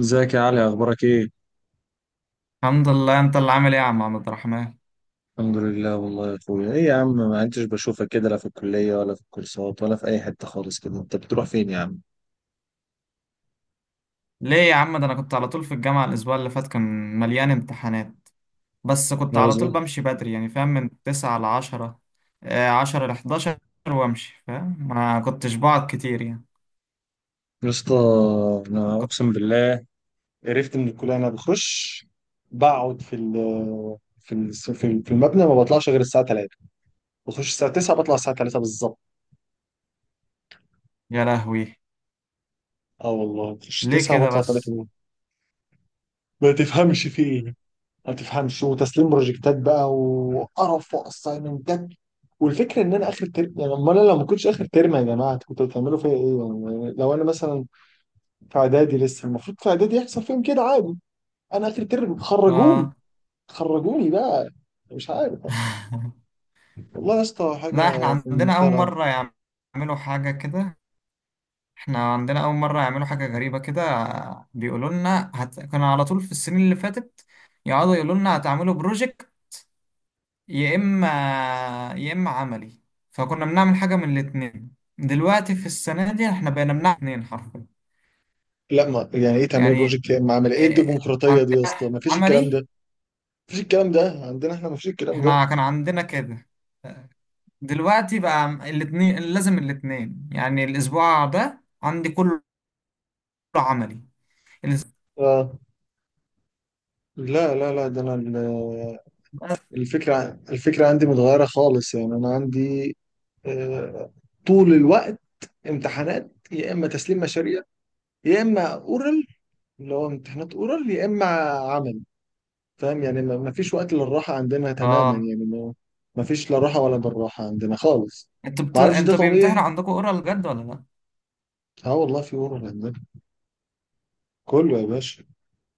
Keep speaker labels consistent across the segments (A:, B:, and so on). A: ازيك يا علي؟ اخبارك ايه؟
B: الحمد لله، انت اللي عامل ايه يا عم عبد الرحمن؟
A: الحمد لله والله يا اخويا. ايه يا عم، ما انتش بشوفك كده، لا في الكليه ولا في الكورسات ولا في اي حته خالص، كده انت بتروح فين يا عم؟
B: ليه يا عم؟ ده انا كنت على طول في الجامعة. الاسبوع اللي فات كان مليان امتحانات. بس كنت
A: ولا
B: على طول
A: زمان
B: بمشي بدري، يعني فاهم، من 9 لـ 10. آه، 10 لـ 11. وامشي، فاهم، ما كنتش بقعد كتير يعني.
A: يا اسطى. انا
B: كنت...
A: اقسم بالله قرفت من الكليه. انا بخش، بقعد في ال في المبنى، ما بطلعش غير الساعه 3. بخش الساعه 9 بطلع الساعه 3 بالظبط.
B: يا لهوي!
A: اه والله بخش
B: ليه
A: 9
B: كده
A: بطلع
B: بس؟
A: 3. ما تفهمش في ايه، ما بتفهمش، وتسليم بروجكتات بقى وقرف واسايمنتات. والفكره ان انا اخر ترم، يعني امال انا لو ما كنتش اخر ترم يا جماعه كنتوا بتعملوا فيا ايه؟ يعني لو انا مثلا في اعدادي لسه، المفروض في اعدادي يحصل فيهم كده عادي. انا اخر ترم خرجوني،
B: اه.
A: خرجوني بقى، مش عارف. والله يا اسطى
B: لا، احنا
A: حاجه في
B: عندنا
A: منتهى
B: اول
A: العبث.
B: مرة يعملوا حاجة كده. احنا عندنا اول مرة يعملوا حاجة غريبة كده. آه، بيقولوا لنا كنا على طول في السنين اللي فاتت يقعدوا يقولوا لنا هتعملوا بروجكت. يا اما يا اما عملي. فكنا بنعمل حاجه من الاتنين. دلوقتي في السنه دي احنا بقينا بنعمل اتنين حرفيا.
A: لا، ما يعني ايه تعملي
B: يعني
A: بروجكت يا اما عامل ايه؟ إيه
B: إيه،
A: الديمقراطيه دي يا
B: عندنا
A: اسطى؟ ما فيش الكلام ده،
B: عملي.
A: ما فيش الكلام ده عندنا، احنا ما فيش الكلام ده.
B: احنا كان عندنا كده. دلوقتي بقى الاتنين لازم الاتنين، يعني الاسبوع ده عندي كله عملي. الاس-
A: آه. لا لا لا، ده انا الفكرة، عندي متغيرة خالص، يعني أنا عندي آه، طول الوقت امتحانات، يا إما تسليم مشاريع، يا إما أورال، اللي هو امتحانات أورال، يا إما عمل. فاهم؟ يعني ما فيش وقت للراحة عندنا تماما،
B: اه.
A: يعني ما ما فيش لا راحة ولا بالراحة عندنا خالص. ما أعرفش ده
B: انتوا بيمتحنوا
A: طبيعي.
B: عندكم اورال جد ولا لا؟
A: اه والله في أورال عندنا، كله يا باشا.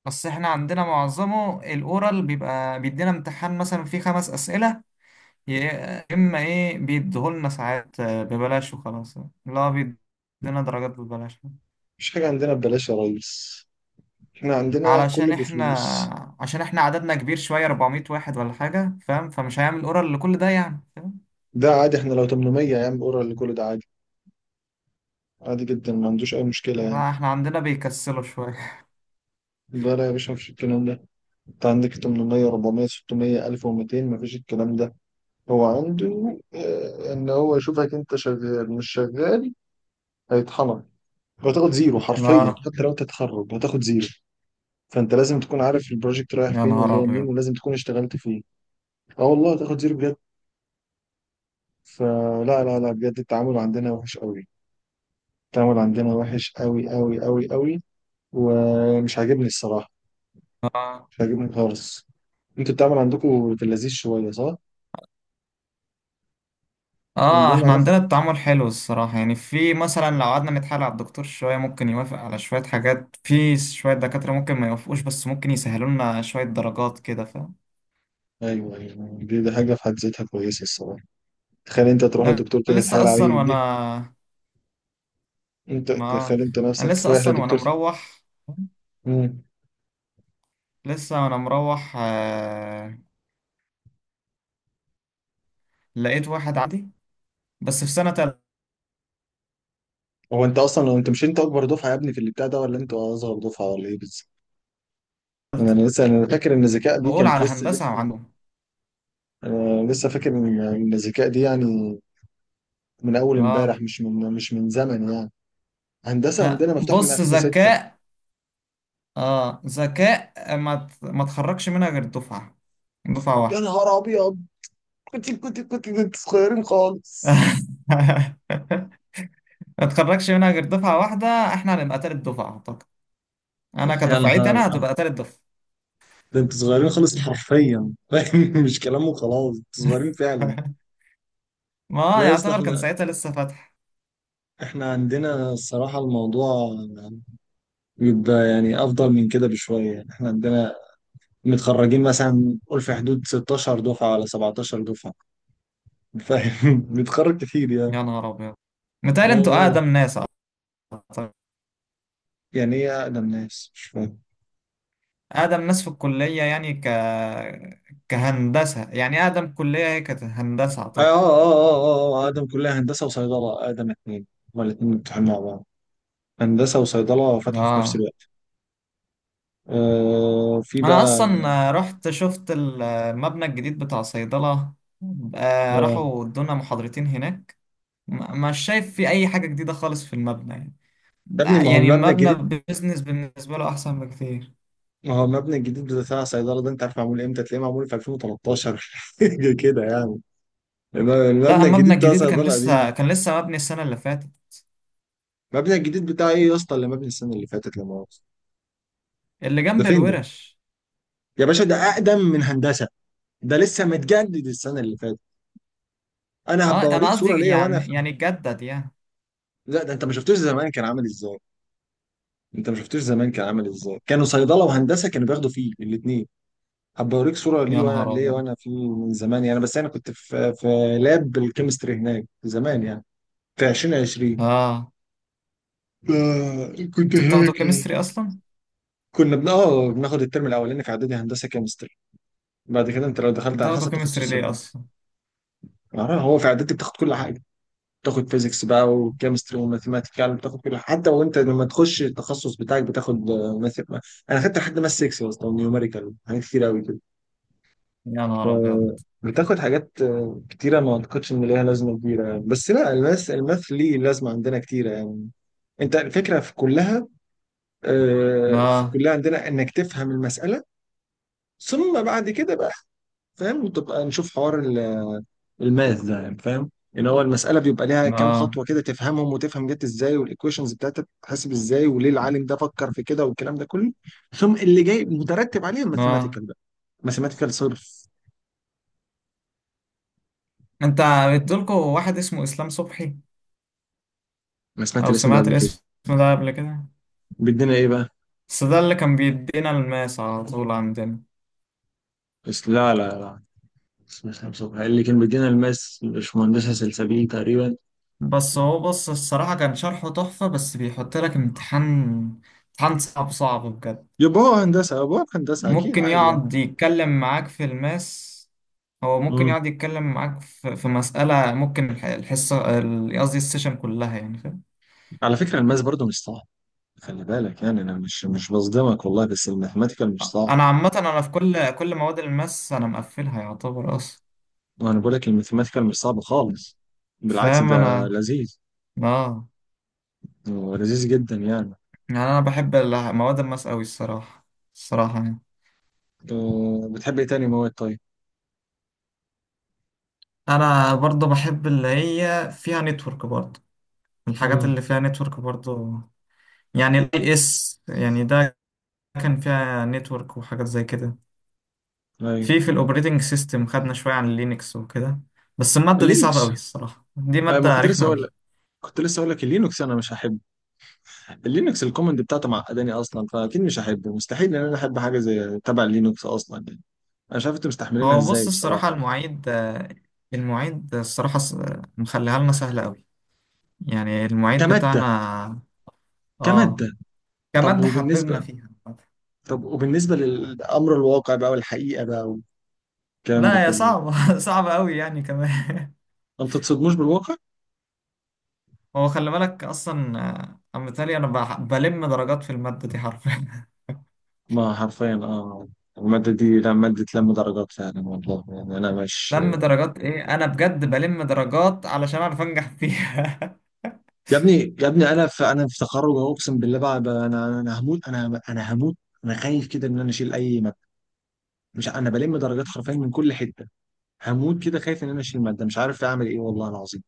B: بس احنا عندنا معظمه الاورال بيبقى بيدينا امتحان مثلا فيه خمس اسئله. يا إما إيه بيديهولنا ساعات، ببلاش وخلاص. لا، بيدينا درجات ببلاش.
A: مفيش حاجة عندنا ببلاش يا ريس، احنا عندنا كله
B: علشان إحنا
A: بفلوس.
B: عشان إحنا عددنا كبير شوية، 400 واحد ولا حاجة، فاهم؟ فمش هيعمل أورال لكل ده، يعني فاهم.
A: ده عادي، احنا لو 800 يا عم أورال كل ده عادي، عادي جدا، ما عندوش أي مشكلة يعني.
B: ما إحنا عندنا بيكسلوا شوية.
A: لا لا يا باشا، مفيش الكلام ده. انت عندك 800، 400 600 1200 مفيش الكلام ده. هو عنده ان هو يشوفك انت شغال مش شغال. هيطحنك، وهتاخد زيرو حرفيا،
B: لا.
A: حتى لو تتخرج هتاخد زيرو. فانت لازم تكون عارف البروجكت رايح
B: يا
A: فين
B: نهار
A: وجاي منين،
B: أبيض!
A: ولازم تكون اشتغلت فيه. اه والله هتاخد زيرو بجد. فلا لا لا لا، بجد التعامل عندنا وحش قوي. التعامل عندنا وحش قوي قوي قوي قوي، ومش عاجبني الصراحة،
B: آه،
A: مش عاجبني خالص. انتوا التعامل عندكم في اللذيذ شوية صح؟ يعني اللي
B: آه،
A: انا،
B: إحنا عندنا التعامل حلو الصراحة، يعني في مثلا لو قعدنا نتحايل على الدكتور شوية ممكن يوافق على شوية حاجات، في شوية دكاترة ممكن ما يوافقوش، بس ممكن يسهلوا لنا شوية درجات كده.
A: ايوه ايوه، دي، دي حاجه في حد ذاتها كويسه الصراحه. تخيل انت تروح
B: ده
A: للدكتور
B: أنا
A: كده
B: لسه
A: تحايل
B: اصلا
A: عليه
B: وانا
A: دي، انت
B: ما
A: تخيل انت
B: انا
A: نفسك
B: لسه
A: رايح
B: اصلا وانا
A: للدكتور.
B: مروح،
A: امم
B: لسه وانا مروح، لقيت واحد عندي. بس في سنة تالتة.
A: هو انت اصلا لو انت مش، انت اكبر دفعه يا ابني في اللي بتاع ده ولا انت اصغر دفعه ولا ايه بالظبط؟ انا، أنا لسه انا فاكر ان الذكاء دي
B: بقول
A: كانت
B: على
A: لسه
B: هندسة
A: لسه
B: عندهم.
A: انا لسه فاكر ان الذكاء دي يعني من اول امبارح،
B: اه.
A: مش من زمن يعني. هندسه
B: ها،
A: عندنا مفتوحه من
B: بص،
A: 2006.
B: ذكاء. اه، ذكاء ما تخرجش منها غير دفعة
A: يا
B: واحدة.
A: نهار ابيض، كنت صغيرين خالص.
B: ما تخرجش منها غير دفعة واحدة. احنا هنبقى تالت دفعة اعتقد. انا
A: يا
B: كدفعتي
A: نهار،
B: انا هتبقى تالت دفعة.
A: ده انتوا صغيرين خالص حرفيا، فاهم؟ مش كلام وخلاص، انتوا صغيرين فعلا.
B: ما
A: لا يا اسطى،
B: يعتبر كان ساعتها لسه فاتح.
A: احنا عندنا الصراحة الموضوع بيبقى يعني أفضل من كده بشوية، يعني احنا عندنا متخرجين مثلا قول في حدود 16 دفعة ولا 17 دفعة، فاهم؟ بنتخرج كتير يعني.
B: يا نهار ابيض.
A: آه،
B: متهيألي انتوا
A: آه.
B: اقدم ناس. أعتقد.
A: يعني ايه أقدم ناس؟ مش فاهم.
B: اقدم ناس في الكلية، يعني كهندسة، يعني اقدم كلية هي كانت هندسة اعتقد.
A: أقدم كلية هندسة وصيدلة، أقدم اتنين. هما الاتنين مفتوحين مع بعض، هندسة وصيدلة فتحوا في نفس
B: اه.
A: الوقت. آه، في
B: انا
A: بقى.
B: اصلا رحت شفت المبنى الجديد بتاع صيدلة. آه،
A: آه،
B: راحوا ادونا محاضرتين هناك. مش شايف في اي حاجة جديدة خالص في المبنى يعني.
A: يا ابني ما هو
B: يعني
A: المبنى
B: المبنى
A: الجديد،
B: بيزنس بالنسبة له احسن بكتير.
A: ما هو المبنى الجديد بتاع الصيدله ده، انت عارف معمول امتى؟ تلاقيه معمول في 2013 حاجه كده يعني.
B: لا،
A: المبنى
B: المبنى
A: الجديد بتاع
B: الجديد كان
A: صيدله قديم.
B: لسه مبني السنة اللي فاتت.
A: المبنى الجديد بتاع ايه يا اسطى اللي مبني السنه اللي فاتت؟ لما هو
B: اللي
A: ده
B: جنب
A: فين ده؟
B: الورش.
A: يا باشا ده اقدم من هندسه، ده لسه متجدد السنه اللي فاتت. انا
B: اه،
A: هبقى
B: انا
A: اوريك صوره
B: قصدي
A: ليا وانا
B: يعني
A: في،
B: اتجدد يعني.
A: لا ده انت ما شفتوش زمان كان عامل ازاي، انت ما شفتوش زمان كان عامل ازاي. كانوا صيدله وهندسه كانوا بياخدوا فيه الاثنين. هبقى اوريك صوره ليه
B: يا
A: وانا
B: نهار
A: ليه
B: ابيض.
A: وانا في، من زمان يعني، بس انا كنت في لاب الكيمستري هناك زمان يعني. في 2020
B: اه.
A: آه كنت
B: انتوا بتاخدوا
A: هناك يعني.
B: كيمستري اصلا؟
A: كنا بن اه بناخد الترم الاولاني في اعدادي هندسه كيمستري. بعد كده انت لو دخلت على
B: بتاخدوا
A: حسب
B: كيمستري
A: تخصصك
B: ليه
A: بقى.
B: اصلا؟
A: آه، هو في اعدادي بتاخد كل حاجه. بتاخد فيزيكس بقى وكيمستري وماثيماتيكال، بتاخد كل حاجه. حتى وانت لما تخش التخصص بتاعك بتاخد انا خدت لحد ماث 6 يا اسطى، ونيوميريكال، حاجات كتير قوي كده.
B: يا نهار ابيض.
A: آه، بتاخد حاجات آه، كتيرة ما اعتقدش ان ليها لازمة كبيرة، بس لا، الماث ليه لازمة عندنا كتيرة يعني. انت الفكرة في كلها، آه، في
B: اه،
A: كلها عندنا انك تفهم المسألة، ثم بعد كده بقى، فاهم، تبقى نشوف حوار الماث ده يعني. فاهم ان هو المسألة بيبقى ليها كام
B: اه،
A: خطوة كده، تفهمهم وتفهم جت ازاي، والايكويشنز بتاعتها بتتحسب ازاي، وليه العالم ده فكر في كده، والكلام ده كله. ثم اللي جاي مترتب عليه
B: اه.
A: الماثيماتيكال بقى، ماثيماتيكال صرف.
B: انت بتقولكوا واحد اسمه اسلام صبحي؟
A: انا سمعت
B: او
A: الاسم ده
B: سمعت
A: قبل كده.
B: الاسم ده قبل كده.
A: بيدينا ايه بقى؟
B: بس ده اللي كان بيدينا الماس على طول عندنا.
A: بس لا لا لا، بس مش هنشوفها. اللي كان بيدينا الماس مش مهندسة سلسبيل تقريبا؟
B: بس هو بص الصراحة كان شرحه تحفة، بس بيحط لك امتحان. امتحان صعب صعب بجد.
A: يبقى هو هندسة، يبقى هو هندسة أكيد
B: ممكن
A: عادي يعني.
B: يقعد يتكلم معاك في الماس. هو ممكن
A: امم
B: يقعد يتكلم معاك في مسألة، ممكن الحصة، قصدي السيشن كلها، يعني فاهم.
A: على فكرة الماس برضو مش صعب. خلي بالك يعني، أنا مش بصدمك والله، بس الماثيماتيكال مش صعب.
B: أنا عامة أنا في كل مواد الماس أنا مقفلها يعتبر أصلا.
A: وأنا بقول لك الماثيماتيكال مش صعب خالص، بالعكس
B: فاهم
A: ده
B: أنا.
A: لذيذ
B: آه.
A: ولذيذ جدا يعني.
B: يعني أنا بحب مواد الماس أوي الصراحة. الصراحة يعني.
A: أه، بتحب إيه تاني مواد طيب؟
B: أنا برضه بحب اللي هي فيها نتورك برضه. الحاجات
A: امم
B: اللي فيها نتورك برضه. يعني الاي اس يعني ده. كان فيها نتورك وحاجات زي كده.
A: أيوه.
B: في الاوبريتنج سيستم خدنا شويه عن لينكس وكده. بس الماده دي صعبه قوي
A: اللينكس،
B: الصراحه، دي
A: أيوة ما
B: ماده
A: كنت
B: رخمه
A: لسه أقول لك،
B: قوي.
A: كنت لسه أقول لك اللينكس أنا مش هحبه. اللينكس الكومنت بتاعته معقداني اصلا، فاكيد مش هحبه. مستحيل ان انا احب حاجه زي تبع اللينكس اصلا يعني. انا مش عارف انتوا مستحملينها
B: هو بص
A: ازاي
B: الصراحه
A: بصراحه يعني.
B: المعيد، المعيد الصراحه مخليها لنا سهله قوي. يعني المعيد
A: كماده،
B: بتاعنا. اه.
A: كماده. طب
B: كماده حببنا
A: وبالنسبه،
B: فيها.
A: طب وبالنسبه للامر الواقع بقى والحقيقه بقى والكلام ده
B: لا، هي
A: كله،
B: صعبه. صعبه قوي يعني كمان.
A: ما بتتصدموش بالواقع؟
B: هو خلي بالك اصلا، انا بالتالي انا بلم درجات في الماده دي حرفيا.
A: ما حرفيا اه، الماده دي لا، ماده لم درجات فعلا والله، يعني انا مش،
B: لم درجات ايه، انا بجد بلم درجات علشان اعرف انجح فيها.
A: يا ابني يا ابني انا في، انا في تخرج أهو، اقسم بالله بقى، انا هموت، انا هموت. انا خايف كده ان انا اشيل اي ماده، مش ع- انا بلم درجات حرفيا من كل حته. هموت كده خايف ان انا اشيل ماده، مش عارف اعمل ايه والله العظيم.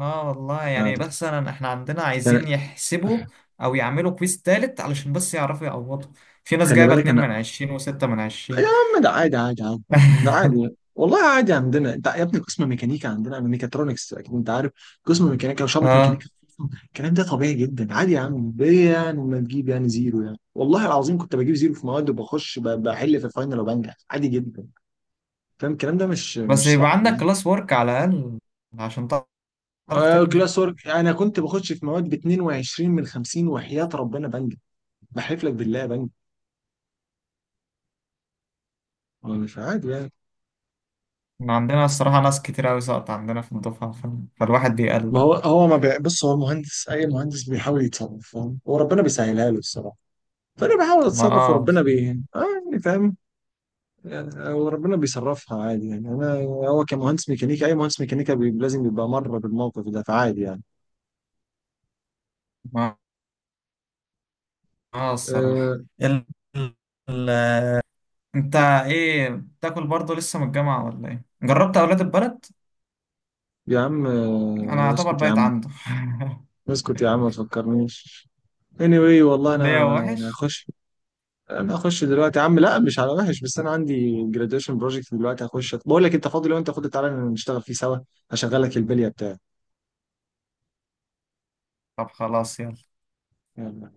B: اه والله
A: مش
B: يعني.
A: عارف.
B: بس احنا عندنا
A: أنا،
B: عايزين يحسبوا. او يعملوا كويس تالت علشان بس يعرفوا يعوضوا. في ناس
A: خلي
B: جايبة
A: بالك
B: اتنين
A: انا.
B: من عشرين وستة من
A: يا
B: عشرين
A: عم ده عادي عادي عادي، ده عادي والله، عادي عندنا. انت يا ابني قسم ميكانيكا عندنا من ميكاترونكس اكيد انت عارف، قسم ميكانيكا وشعبة
B: اه.
A: ميكانيكا. الكلام ده طبيعي جدا عادي يا عم، ليه يعني ما تجيب يعني زيرو يعني؟ والله العظيم كنت بجيب زيرو في مواد وبخش بحل في الفاينل وبنجح عادي جدا. فاهم، الكلام ده مش
B: بس
A: مش
B: يبقى
A: صعب
B: عندك
A: يعني.
B: كلاس ورك على الاقل عشان تعرف
A: آه،
B: تنجح.
A: كلاس ورك. انا كنت بخش في مواد ب 22 من 50 وحياة ربنا بنجح، بحلف لك بالله بنجح. هو مش عادي يعني؟
B: إحنا عندنا الصراحة ناس كتير اوي سقط عندنا في الدفعة، فالواحد
A: ما
B: بيقلق
A: هو
B: برضه.
A: هو ما بي، بص هو المهندس، اي مهندس بيحاول يتصرف، فاهم، وربنا بيسهلها له الصراحه. فانا بحاول
B: ما
A: اتصرف
B: اه.
A: وربنا بي، اه، يعني فاهم، يعني وربنا بيصرفها عادي يعني. انا هو كمهندس ميكانيكا، اي مهندس ميكانيكا بي، لازم يبقى مر بالموقف ده، فعادي يعني.
B: ما اه الصراحة.
A: آه.
B: ال... ال... انت ايه بتاكل برضه لسه من الجامعة ولا ايه؟ جربت اولاد البلد؟
A: يا عم
B: انا
A: آه،
B: اعتبر
A: اسكت يا
B: بقيت
A: عم،
B: عنده.
A: اسكت يا عم ما تفكرنيش. anyway، والله
B: ليا
A: انا، انا
B: وحش.
A: هخش، انا هخش دلوقتي يا عم. لا مش على وحش، بس انا عندي جراديويشن بروجكت دلوقتي. هخش بقول لك، انت فاضي؟ لو انت فاضي تعالى نشتغل فيه سوا، هشغلك البليه بتاعي.
B: طب خلاص يلا.
A: يلا.